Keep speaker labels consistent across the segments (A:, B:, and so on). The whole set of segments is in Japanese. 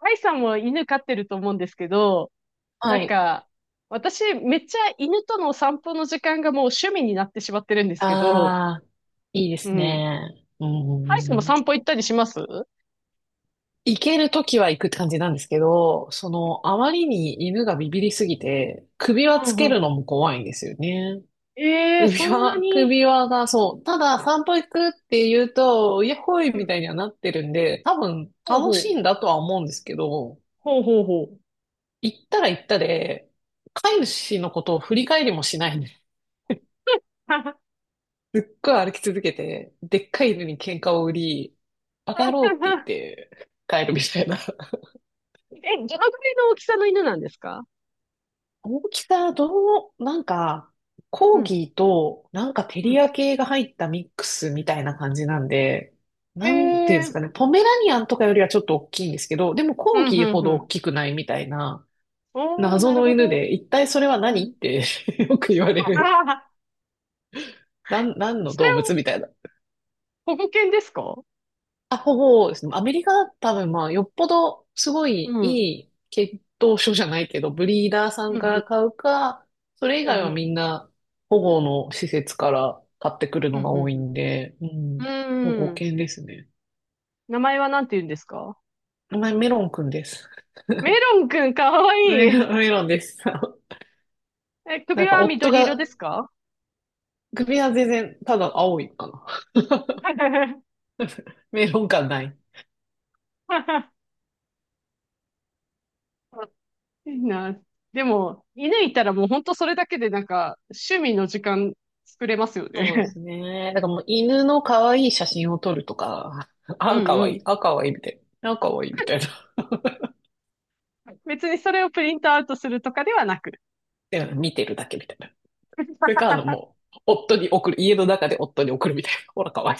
A: アイさんも犬飼ってると思うんですけど、
B: は
A: なん
B: い。
A: か、私、めっちゃ犬との散歩の時間がもう趣味になってしまってるんで
B: あ
A: すけど。
B: あ、いいで
A: う
B: す
A: ん。
B: ね。う
A: アイさんも
B: ん。
A: 散歩行ったりします？うん。
B: 行けるときは行くって感じなんですけど、その、あまりに犬がビビりすぎて、首輪
A: う
B: つけ
A: ん。
B: るのも怖いんですよね。
A: ええー、
B: 首
A: そんな
B: 輪、
A: に。
B: 首輪がそう、ただ散歩行くって言うと、イヤホイ
A: う
B: み
A: ん。
B: たいにはなってるんで、多分
A: ほう
B: 楽
A: ほ
B: しい
A: う。
B: んだとは思うんですけど、
A: ほうほうほう。
B: 行ったら行ったで、飼い主のことを振り返りもしないんで すっごい歩き続けて、でっかい犬に喧嘩を売り、バカ野郎って言って帰るみたいな。
A: え、どのくらいの大きさの犬なんですか？
B: 大きさ、どう、なんか、
A: う
B: コー
A: ん。
B: ギーと、なんかテ
A: う
B: リ
A: ん。
B: ア系が入ったミックスみたいな感じなんで、
A: え
B: なんていうんで
A: え
B: す
A: ー、
B: かね、ポメラニアンとかよりはちょっと大きいんですけど、でも
A: う
B: コー
A: ん、う
B: ギーほ
A: ん、う
B: ど大
A: ん。
B: きくないみたいな、
A: おー、
B: 謎
A: なる
B: の
A: ほ
B: 犬
A: ど。
B: で、一体それは
A: う
B: 何っ
A: ん。
B: て。 よく言わ れる。
A: あ、あ、
B: なん、何の
A: それ
B: 動物
A: を
B: みたいな。
A: 保護犬ですか？
B: あ、ほぼですね。アメリカは多分まあ、よっぽどすご
A: う
B: いい
A: ん。うん。
B: い血統書じゃないけど、ブリーダーさ
A: う
B: んか
A: ん、
B: ら買うか、それ以
A: う
B: 外
A: ん、う
B: は
A: ん、
B: みんな保護の施設から買ってくる
A: うん。う
B: のが多い
A: ん、
B: んで、う
A: うん、う
B: ん、保護
A: ーん。
B: 犬ですね。
A: 名前はなんて言うんですか？
B: 名前メロンくんです。
A: メロンくんかわ
B: メ
A: いい。
B: メロンです。
A: え、
B: な
A: 首
B: んか
A: は
B: 夫
A: 緑色で
B: が、
A: すか？
B: 首は全然ただ青いかな。メロン感ない。
A: いいな。でも、犬いたらもうほんとそれだけで趣味の時間作れますよ
B: そうで
A: ね。
B: すね。だからもう犬の可愛い写真を撮るとか、
A: う
B: あ、
A: ん、
B: 可
A: う
B: 愛い、
A: ん。
B: あ、可愛いみたいな。あ、可愛いみたいな。
A: 別にそれをプリントアウトするとかではなく。
B: うん、見てるだけみたいな。それか、あの、もう、夫に送る、家の中で夫に送るみたいな。ほら、かわいい。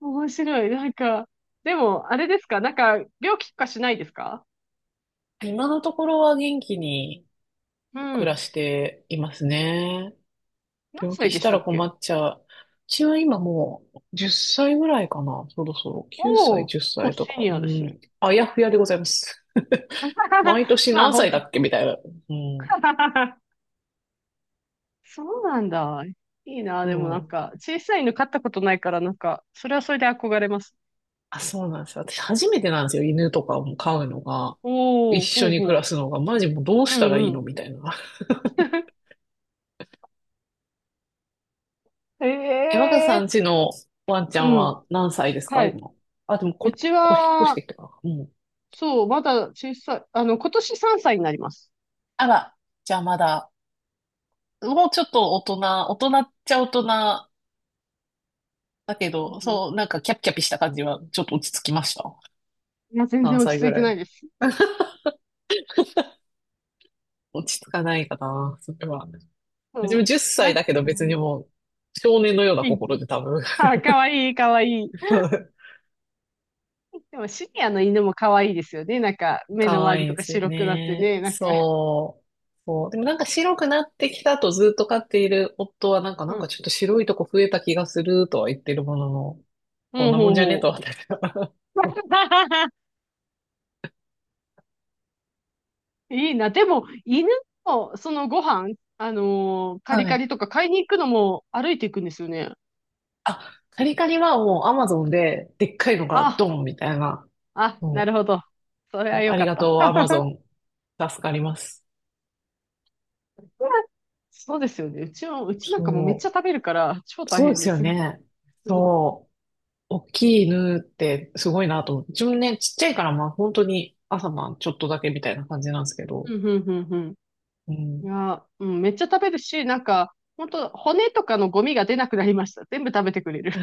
A: 面白い。でも、あれですか病気とかしないですか？
B: 今のところは元気に
A: う
B: 暮ら
A: ん。
B: していますね。
A: 何
B: 病気
A: 歳で
B: し
A: し
B: た
A: た
B: ら
A: っ
B: 困
A: け？
B: っちゃう。うちは今もう10歳ぐらいかな。そろそろ9
A: おお
B: 歳、
A: ー、結
B: 10
A: 構
B: 歳と
A: シ
B: か。
A: ニ
B: う
A: アですね。
B: ん。あやふやでございます。毎 年
A: まあ、
B: 何歳だ
A: ほ、
B: っけみたいな。うん。
A: そうなんだ。いいな。でも
B: そう。
A: 小さい犬飼ったことないから、それはそれで憧れます。
B: あ、そうなんですよ。私初めてなんですよ。犬とかも飼うのが。一
A: おー、ほ
B: 緒
A: う
B: に暮
A: ほ
B: ら
A: う。
B: すのが。マジもうどう
A: う
B: したら
A: ん、
B: いい
A: う
B: の
A: ん。
B: みたいな。え、若
A: え
B: さ
A: え
B: んちのワンちゃ
A: ー、
B: ん
A: うん。
B: は何歳です
A: は
B: か、
A: い。
B: 今。あ、でもこ、
A: うち
B: こ、引っ越し
A: は、
B: てきたから。うん。
A: そう、まだ小さい。あの、今年3歳になります。
B: あら、じゃあまだ、もうちょっと大人、大人っちゃ大人だけ
A: う
B: ど、
A: ん、
B: そう、なんかキャピキャピした感じはちょっと落ち着きました。
A: いや、全然
B: 何
A: 落ち
B: 歳
A: 着
B: ぐ
A: いて
B: ら
A: な
B: い。
A: いです。
B: 落ち着かないかな、それは。うちも
A: そ
B: 10
A: う。
B: 歳だけど別にもう、少年のような
A: 元
B: 心
A: 気。
B: で多分。
A: はい、かわいい、かわいい。でも、シニアの犬もかわいいですよね。目の
B: 可
A: 周
B: 愛
A: り
B: いい
A: と
B: で
A: か
B: すよ
A: 白くなって
B: ね。
A: ね。
B: そう。そう。でもなんか白くなってきたとずっと飼っている夫はなんか
A: う
B: なんか
A: ん。
B: ちょっと白いとこ増えた気がするとは言ってるものの、
A: う
B: こん
A: ん、
B: な
A: ほ
B: も
A: う
B: んじゃね
A: ほ
B: とは
A: う。
B: 私は。
A: いいな。でも、犬も、そのご飯、カリ
B: は
A: カ
B: い。
A: リとか買いに行くのも歩いていくんですよね。
B: あ、カリカリはもうアマゾンででっかいのが
A: あ、
B: ドンみたいな。
A: あ、な
B: も
A: るほど。それは
B: う、
A: よ
B: あ
A: か
B: り
A: っ
B: が
A: た。
B: とうアマゾン。助かります。
A: そうですよね。うちも、なん
B: そ
A: かもうめっちゃ食べるから、超
B: う。
A: 大
B: そうで
A: 変で
B: すよ
A: す。
B: ね。
A: うん、
B: そう。大きい犬ってすごいなと思って。自分ね、ちっちゃいからまあ本当に朝晩ちょっとだけみたいな感じなんですけど。
A: うん、うん、うん。
B: う
A: い
B: ん。
A: や、うん、めっちゃ食べるし、本当骨とかのゴミが出なくなりました。全部食べてくれる。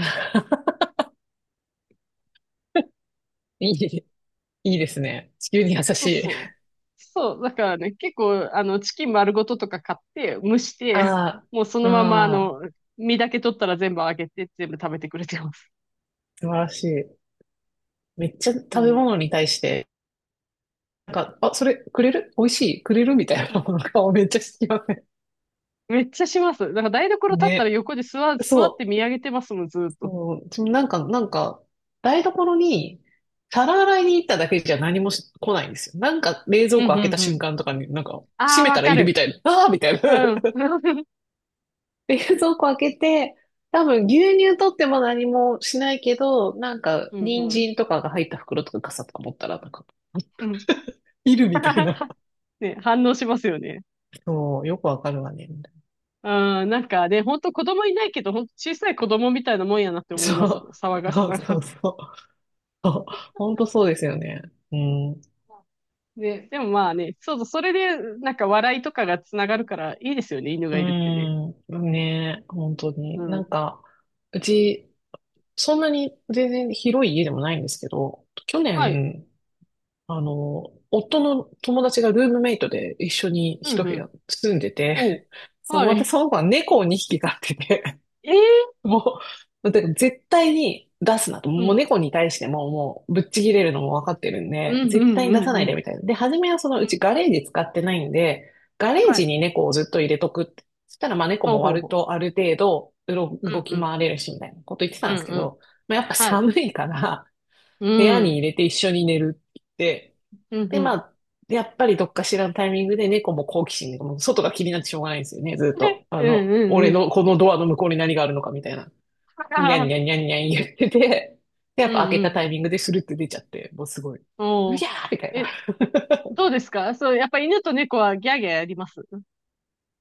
B: いい、いいですね。地球に優
A: そ
B: し
A: う
B: い。
A: そう。そう、だからね、結構、あの、チキン丸ごととか買って、蒸し て、
B: あ
A: もうそ
B: あ、
A: のまま、あ
B: ああ、
A: の、身だけ取ったら全部あげて、全部食べてくれてます。
B: 素晴らしい。めっちゃ
A: う
B: 食べ
A: ん。
B: 物に対して、なんか、あ、それくれる美味しいくれるみたいなものの顔めっちゃしてきません？
A: めっちゃします。だから台所立ったら
B: ね。
A: 横で座
B: そ
A: って見
B: う。
A: 上げてますもん、ずーっと。
B: もう、そのなんか、なんか、台所に、皿洗いに行っただけじゃ何もし来ないんですよ。なんか、冷蔵
A: う
B: 庫
A: ん、
B: 開け
A: う
B: た
A: ん、う
B: 瞬
A: ん。
B: 間とかに、なんか、
A: あ
B: 閉
A: あ、
B: め
A: わ
B: たら
A: か
B: いる
A: る。
B: みたいな、ああーみたいな。
A: うん。
B: 冷蔵庫開けて、多分牛乳取っても何もしないけど、なんか、
A: うん、
B: 人
A: うん。
B: 参とかが入った袋とか傘とか持ったら、なんか、
A: うん。
B: いるみたいな。
A: ね、反応しますよね。
B: そう、よくわかるわね、みたいな。
A: うん、なんかね、ほんと子供いないけど、ほんと小さい子供みたいなもんやなって思いますもん、
B: そ
A: 騒が
B: う、
A: し
B: そう
A: さ
B: そ
A: が。
B: うそう。そう、ほんとそうですよね。うん。
A: ね、でもまあね、そうそう、それで、笑いとかがつながるからいいですよね、犬
B: う
A: がいるってね。
B: ーん、ねえ、本当
A: う
B: に。な
A: ん。
B: んか、うち、そんなに全然広い家でもないんですけど、去
A: はい。
B: 年、あの、夫の友達がルームメイトで一緒に
A: う
B: 一
A: ん、う
B: 部屋
A: ん。
B: 住んでて、
A: おう。
B: そう、
A: は
B: 私
A: い。
B: その子は猫を2匹飼ってて、
A: ええ、
B: もう、だから絶対に出すなと。
A: う
B: もう
A: ん。
B: 猫に対してももうぶっちぎれるのも分かってるん
A: う
B: で、
A: ん、う
B: 絶対
A: ん、う
B: に出さ
A: ん、う
B: ないで
A: ん。
B: みたいな。で、初めはその
A: う
B: う
A: ん、
B: ちガレージ使ってないんで、ガレー
A: は
B: ジ
A: い。
B: に猫をずっと入れとくって。そしたらまあ猫
A: ほう
B: も
A: ほう
B: 割
A: ほ
B: とある程度うろ
A: う。
B: 動
A: うん、う
B: き
A: ん。
B: 回れるしみたいなこと言ってた
A: う
B: ん
A: ん、
B: ですけ
A: うん。
B: ど、まあ、やっぱ
A: はい。
B: 寒いから
A: う
B: 部屋に
A: ん。
B: 入れて一緒に寝るって言って、
A: うん、う
B: でま
A: ん。
B: あ、やっぱりどっかしらのタイミングで猫も好奇心で、もう外が気になってしょうがないんですよね、ずっ と。あ
A: うん、
B: の、
A: うん、う
B: 俺
A: ん。
B: のこのドアの向こうに何があるのかみたいな。
A: は
B: に
A: は
B: ゃんに
A: は、
B: ゃんにゃんにゃん言ってて、で、やっ
A: う
B: ぱ
A: ん、
B: 開け
A: う
B: たタ
A: ん。
B: イミングでスルって出ちゃって、もうすごい、う
A: お
B: ぎ
A: う。
B: ゃーみたいな。
A: え、どうですかそう、やっぱ犬と猫はギャーギャーやります？うん。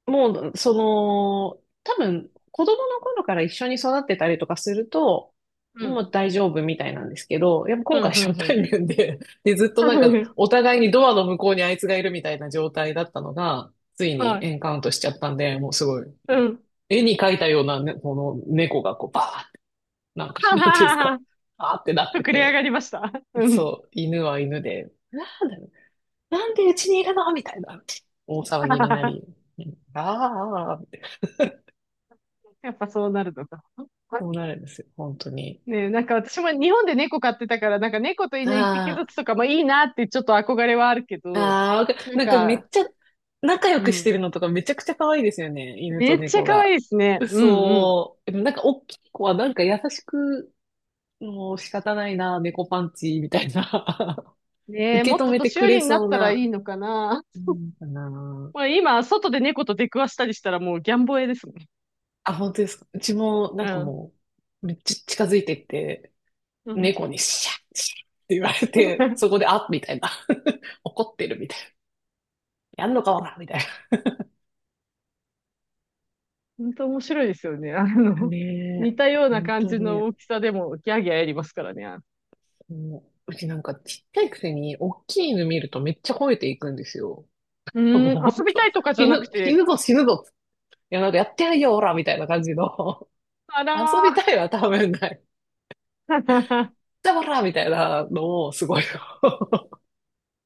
B: もう、その、多分、子供の頃から一緒に育ってたりとかすると、
A: う
B: も
A: ん、
B: う大丈夫みたいなんですけど、やっぱ
A: う
B: 今
A: ん、
B: 回
A: う
B: 初対
A: ん。
B: 面で、で、ずっとなんか、お 互いにドアの向こうにあいつがいるみたいな状態だったのが、つい
A: は
B: に
A: い。
B: エンカウントしちゃったんで、もうすごい、
A: うん。
B: 絵に描いたようなね、この猫がこう、バーって、なん か、
A: は
B: なんていうんで
A: は
B: す
A: は
B: か、
A: は。
B: あーってな って
A: 膨れ上が
B: て、
A: りました。うん。
B: そう、犬は犬で、なんだろう、なんでうちにいるのみたいな、大騒ぎになり、うんあーあー、って
A: やっぱそうなるのか。
B: こうなるんですよ、本当に。
A: ねえ、なんか私も日本で猫飼ってたから、猫と犬一匹ず
B: あ
A: つとかもいいなってちょっと憧れはあるけ
B: あ、
A: ど、
B: ああ、わか、
A: なん
B: なんかめ
A: か、
B: っちゃ仲良
A: う
B: くし
A: ん。
B: てるのとかめちゃくちゃ可愛いですよね、犬
A: め
B: と
A: っちゃ
B: 猫
A: 可愛
B: が。
A: いですね。うん、うん。
B: そう、でもなんか大きい子はなんか優しく、もう仕方ないな、猫パンチ、みたいな。
A: ねえ、
B: 受
A: も
B: け
A: っ
B: 止
A: と
B: めて
A: 年
B: く
A: 寄
B: れ
A: りになっ
B: そう
A: たらい
B: な、
A: いのかな。
B: うんか な。
A: まあ今、外で猫と出くわしたりしたらもうギャンボエですもん。
B: あ、本当ですか。うちもな
A: う
B: んか
A: ん。
B: もう、めっちゃ近づいてって、
A: うん。
B: 猫にシャッシャッって言われて、そこ であっみたいな。怒ってるみたいな。やんのかおらみたい
A: 本当面白いですよね。あ
B: な。
A: の、
B: ね
A: 似
B: え、
A: たような
B: 本
A: 感
B: 当
A: じの
B: に。
A: 大きさでもギャーギャーやりますからね。
B: もう、うちなんかちっちゃいくせに、大きい犬見るとめっちゃ吠えていくんですよ。
A: うー
B: もう
A: ん、
B: 本
A: 遊びた
B: 当、
A: いとかじゃ
B: 死
A: な
B: ぬ、
A: く
B: 死
A: て、
B: ぬぞ死ぬぞ。いや、なんかやってやるよ、オラみたいな感じの。
A: あ
B: 遊
A: ら
B: び
A: ー。
B: たいは多分ない。じゃあオラみたいなのをすごい、
A: ん、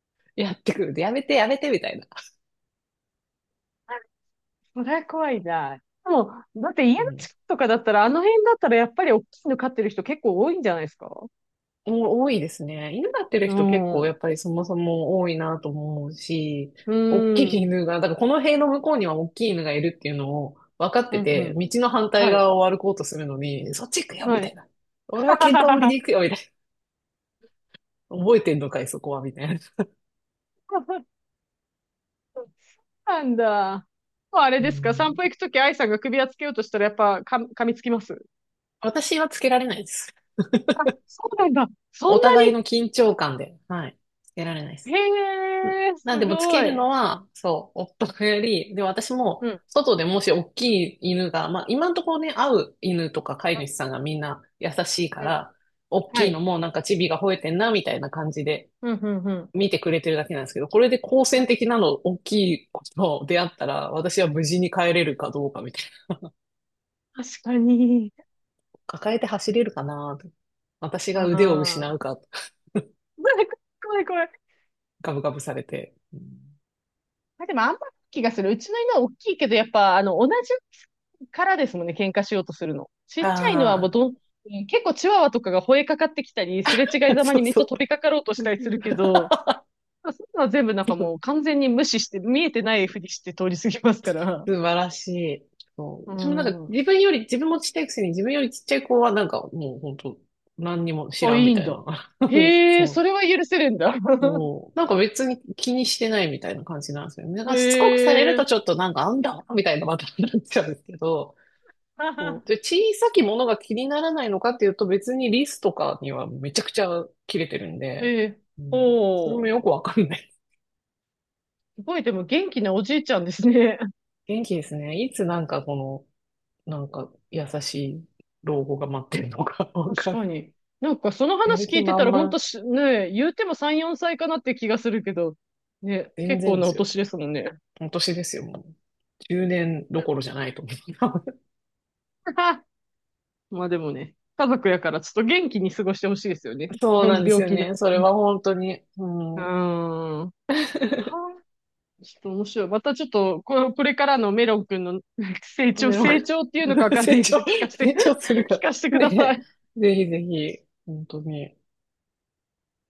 B: やってくる。やめてやめてみたいな。
A: それは怖いな。でも、だって家の
B: うん、
A: 近くとかだったら、あの辺だったらやっぱり大きいの飼ってる人結構多いんじゃないですか？
B: お多いですね。犬飼ってる
A: う
B: 人結
A: ん。
B: 構や
A: う
B: っぱりそもそも多いなと思うし、
A: ー
B: 大き
A: ん。
B: い犬が、だからこの塀の向こうには大きい犬がいるっていうのを分かっ
A: う
B: て
A: ん、う
B: て、
A: ん。
B: 道の反対
A: はい。
B: 側を歩こうとするのに、そっち行くよみ
A: は
B: た
A: い。
B: いな。俺は喧嘩売りに 行くよみたいな。覚えてんのかい、そこはみたいな。
A: なんだ。もうあれ
B: う
A: ですか
B: ん、
A: 散歩行くとき愛さんが首輪つけようとしたらやっぱか噛みつきます？
B: 私はつけられないです。
A: あ、そうなんだ。そ
B: お
A: んな
B: 互い
A: に。
B: の緊張感で、はい、つけられないで
A: へ
B: す。
A: え、す
B: なんでもつ
A: ご
B: ける
A: い。
B: のは、そう、夫がやり、で、私も、
A: うん。
B: 外でもし大きい犬が、まあ、今のところね、会う犬とか飼い
A: うん。
B: 主さんがみんな優しいか
A: うん、
B: ら、大
A: は
B: きい
A: い。
B: のもなんかチビが吠えてんな、みたいな感じで
A: うん、うん、うん。
B: 見てくれてるだけなんですけど、これで好戦的なの、大きい子と出会ったら、私は無事に帰れるかどうかみたいな。
A: 確かに。
B: 抱えて走れるかなと、私
A: う
B: が
A: ん。
B: 腕を失
A: 怖
B: うか、
A: い怖い怖い。
B: ガブガブされて。う
A: あ、でもあんまり気がする。うちの犬は大きいけど、やっぱ、あの、同じからですもんね、喧嘩しようとするの。ちっちゃい犬はも
B: あ
A: うどん、うん、結構チワワとかが吠えかかってきたり、すれ違
B: あ
A: い
B: ー、
A: ざま
B: そ
A: に
B: う
A: めっちゃ
B: そ
A: 飛びかかろうとしたりするけど、まあそういうのは全部なんか
B: う。
A: もう完全に無視して、見えてないふりして通り過ぎますから。
B: 素晴らしい。そ
A: う
B: う。私もなんか
A: ん。
B: 自分より、自分もちっちゃいくせに自分よりちっちゃい子はなんかもう本当何にも知
A: あ、い
B: らんみ
A: いん
B: たい
A: だ。
B: な。
A: へえ、そ
B: そう。
A: れは許せるんだ。
B: そう。なんか別に気にしてないみたいな感じなんですよね。なんかしつこくされ
A: へ
B: る
A: え。
B: とちょっとなんかあんだみたいなまたなっちゃうんですけど。そう。で、小さきものが気にならないのかっていうと別にリスとかにはめちゃくちゃ切れてるんで。
A: へえ。
B: うん。それ
A: ほ
B: も
A: う。
B: よくわかんない。
A: すごい、でも元気なおじいちゃんですね。
B: 元気ですね。いつなんかこの、なんか優しい老後が待ってるのか、 わ
A: 確
B: かんな
A: か
B: い。
A: に。なんかその
B: や
A: 話
B: る
A: 聞
B: 気
A: いてた
B: 満
A: ら、ほんと
B: 々、
A: し、ねえ、言うても3、4歳かなって気がするけど、ね、
B: 全
A: 結構
B: 然で
A: なお
B: すよ。
A: 年ですもんね。
B: 今年ですよ、もう。10年どころじゃないと思
A: まあでもね、家族やからちょっと元気に過ごしてほしいですよね。
B: う。そう
A: う
B: な
A: ん、
B: んです
A: 病
B: よ
A: 気なく
B: ね。そ
A: て
B: れ
A: ね。
B: は本当に。う
A: うー
B: ん。
A: ん。は あ、ちょっと面白い。またちょっと、これからのメロン君の 成長、
B: メロン、
A: 成長っていうのかわ かん
B: 成
A: ないけ
B: 長、
A: ど、聞かせて、
B: 成長する か
A: 聞
B: ら。
A: かせて くださ
B: で、
A: い。
B: ぜひぜひ、本当に。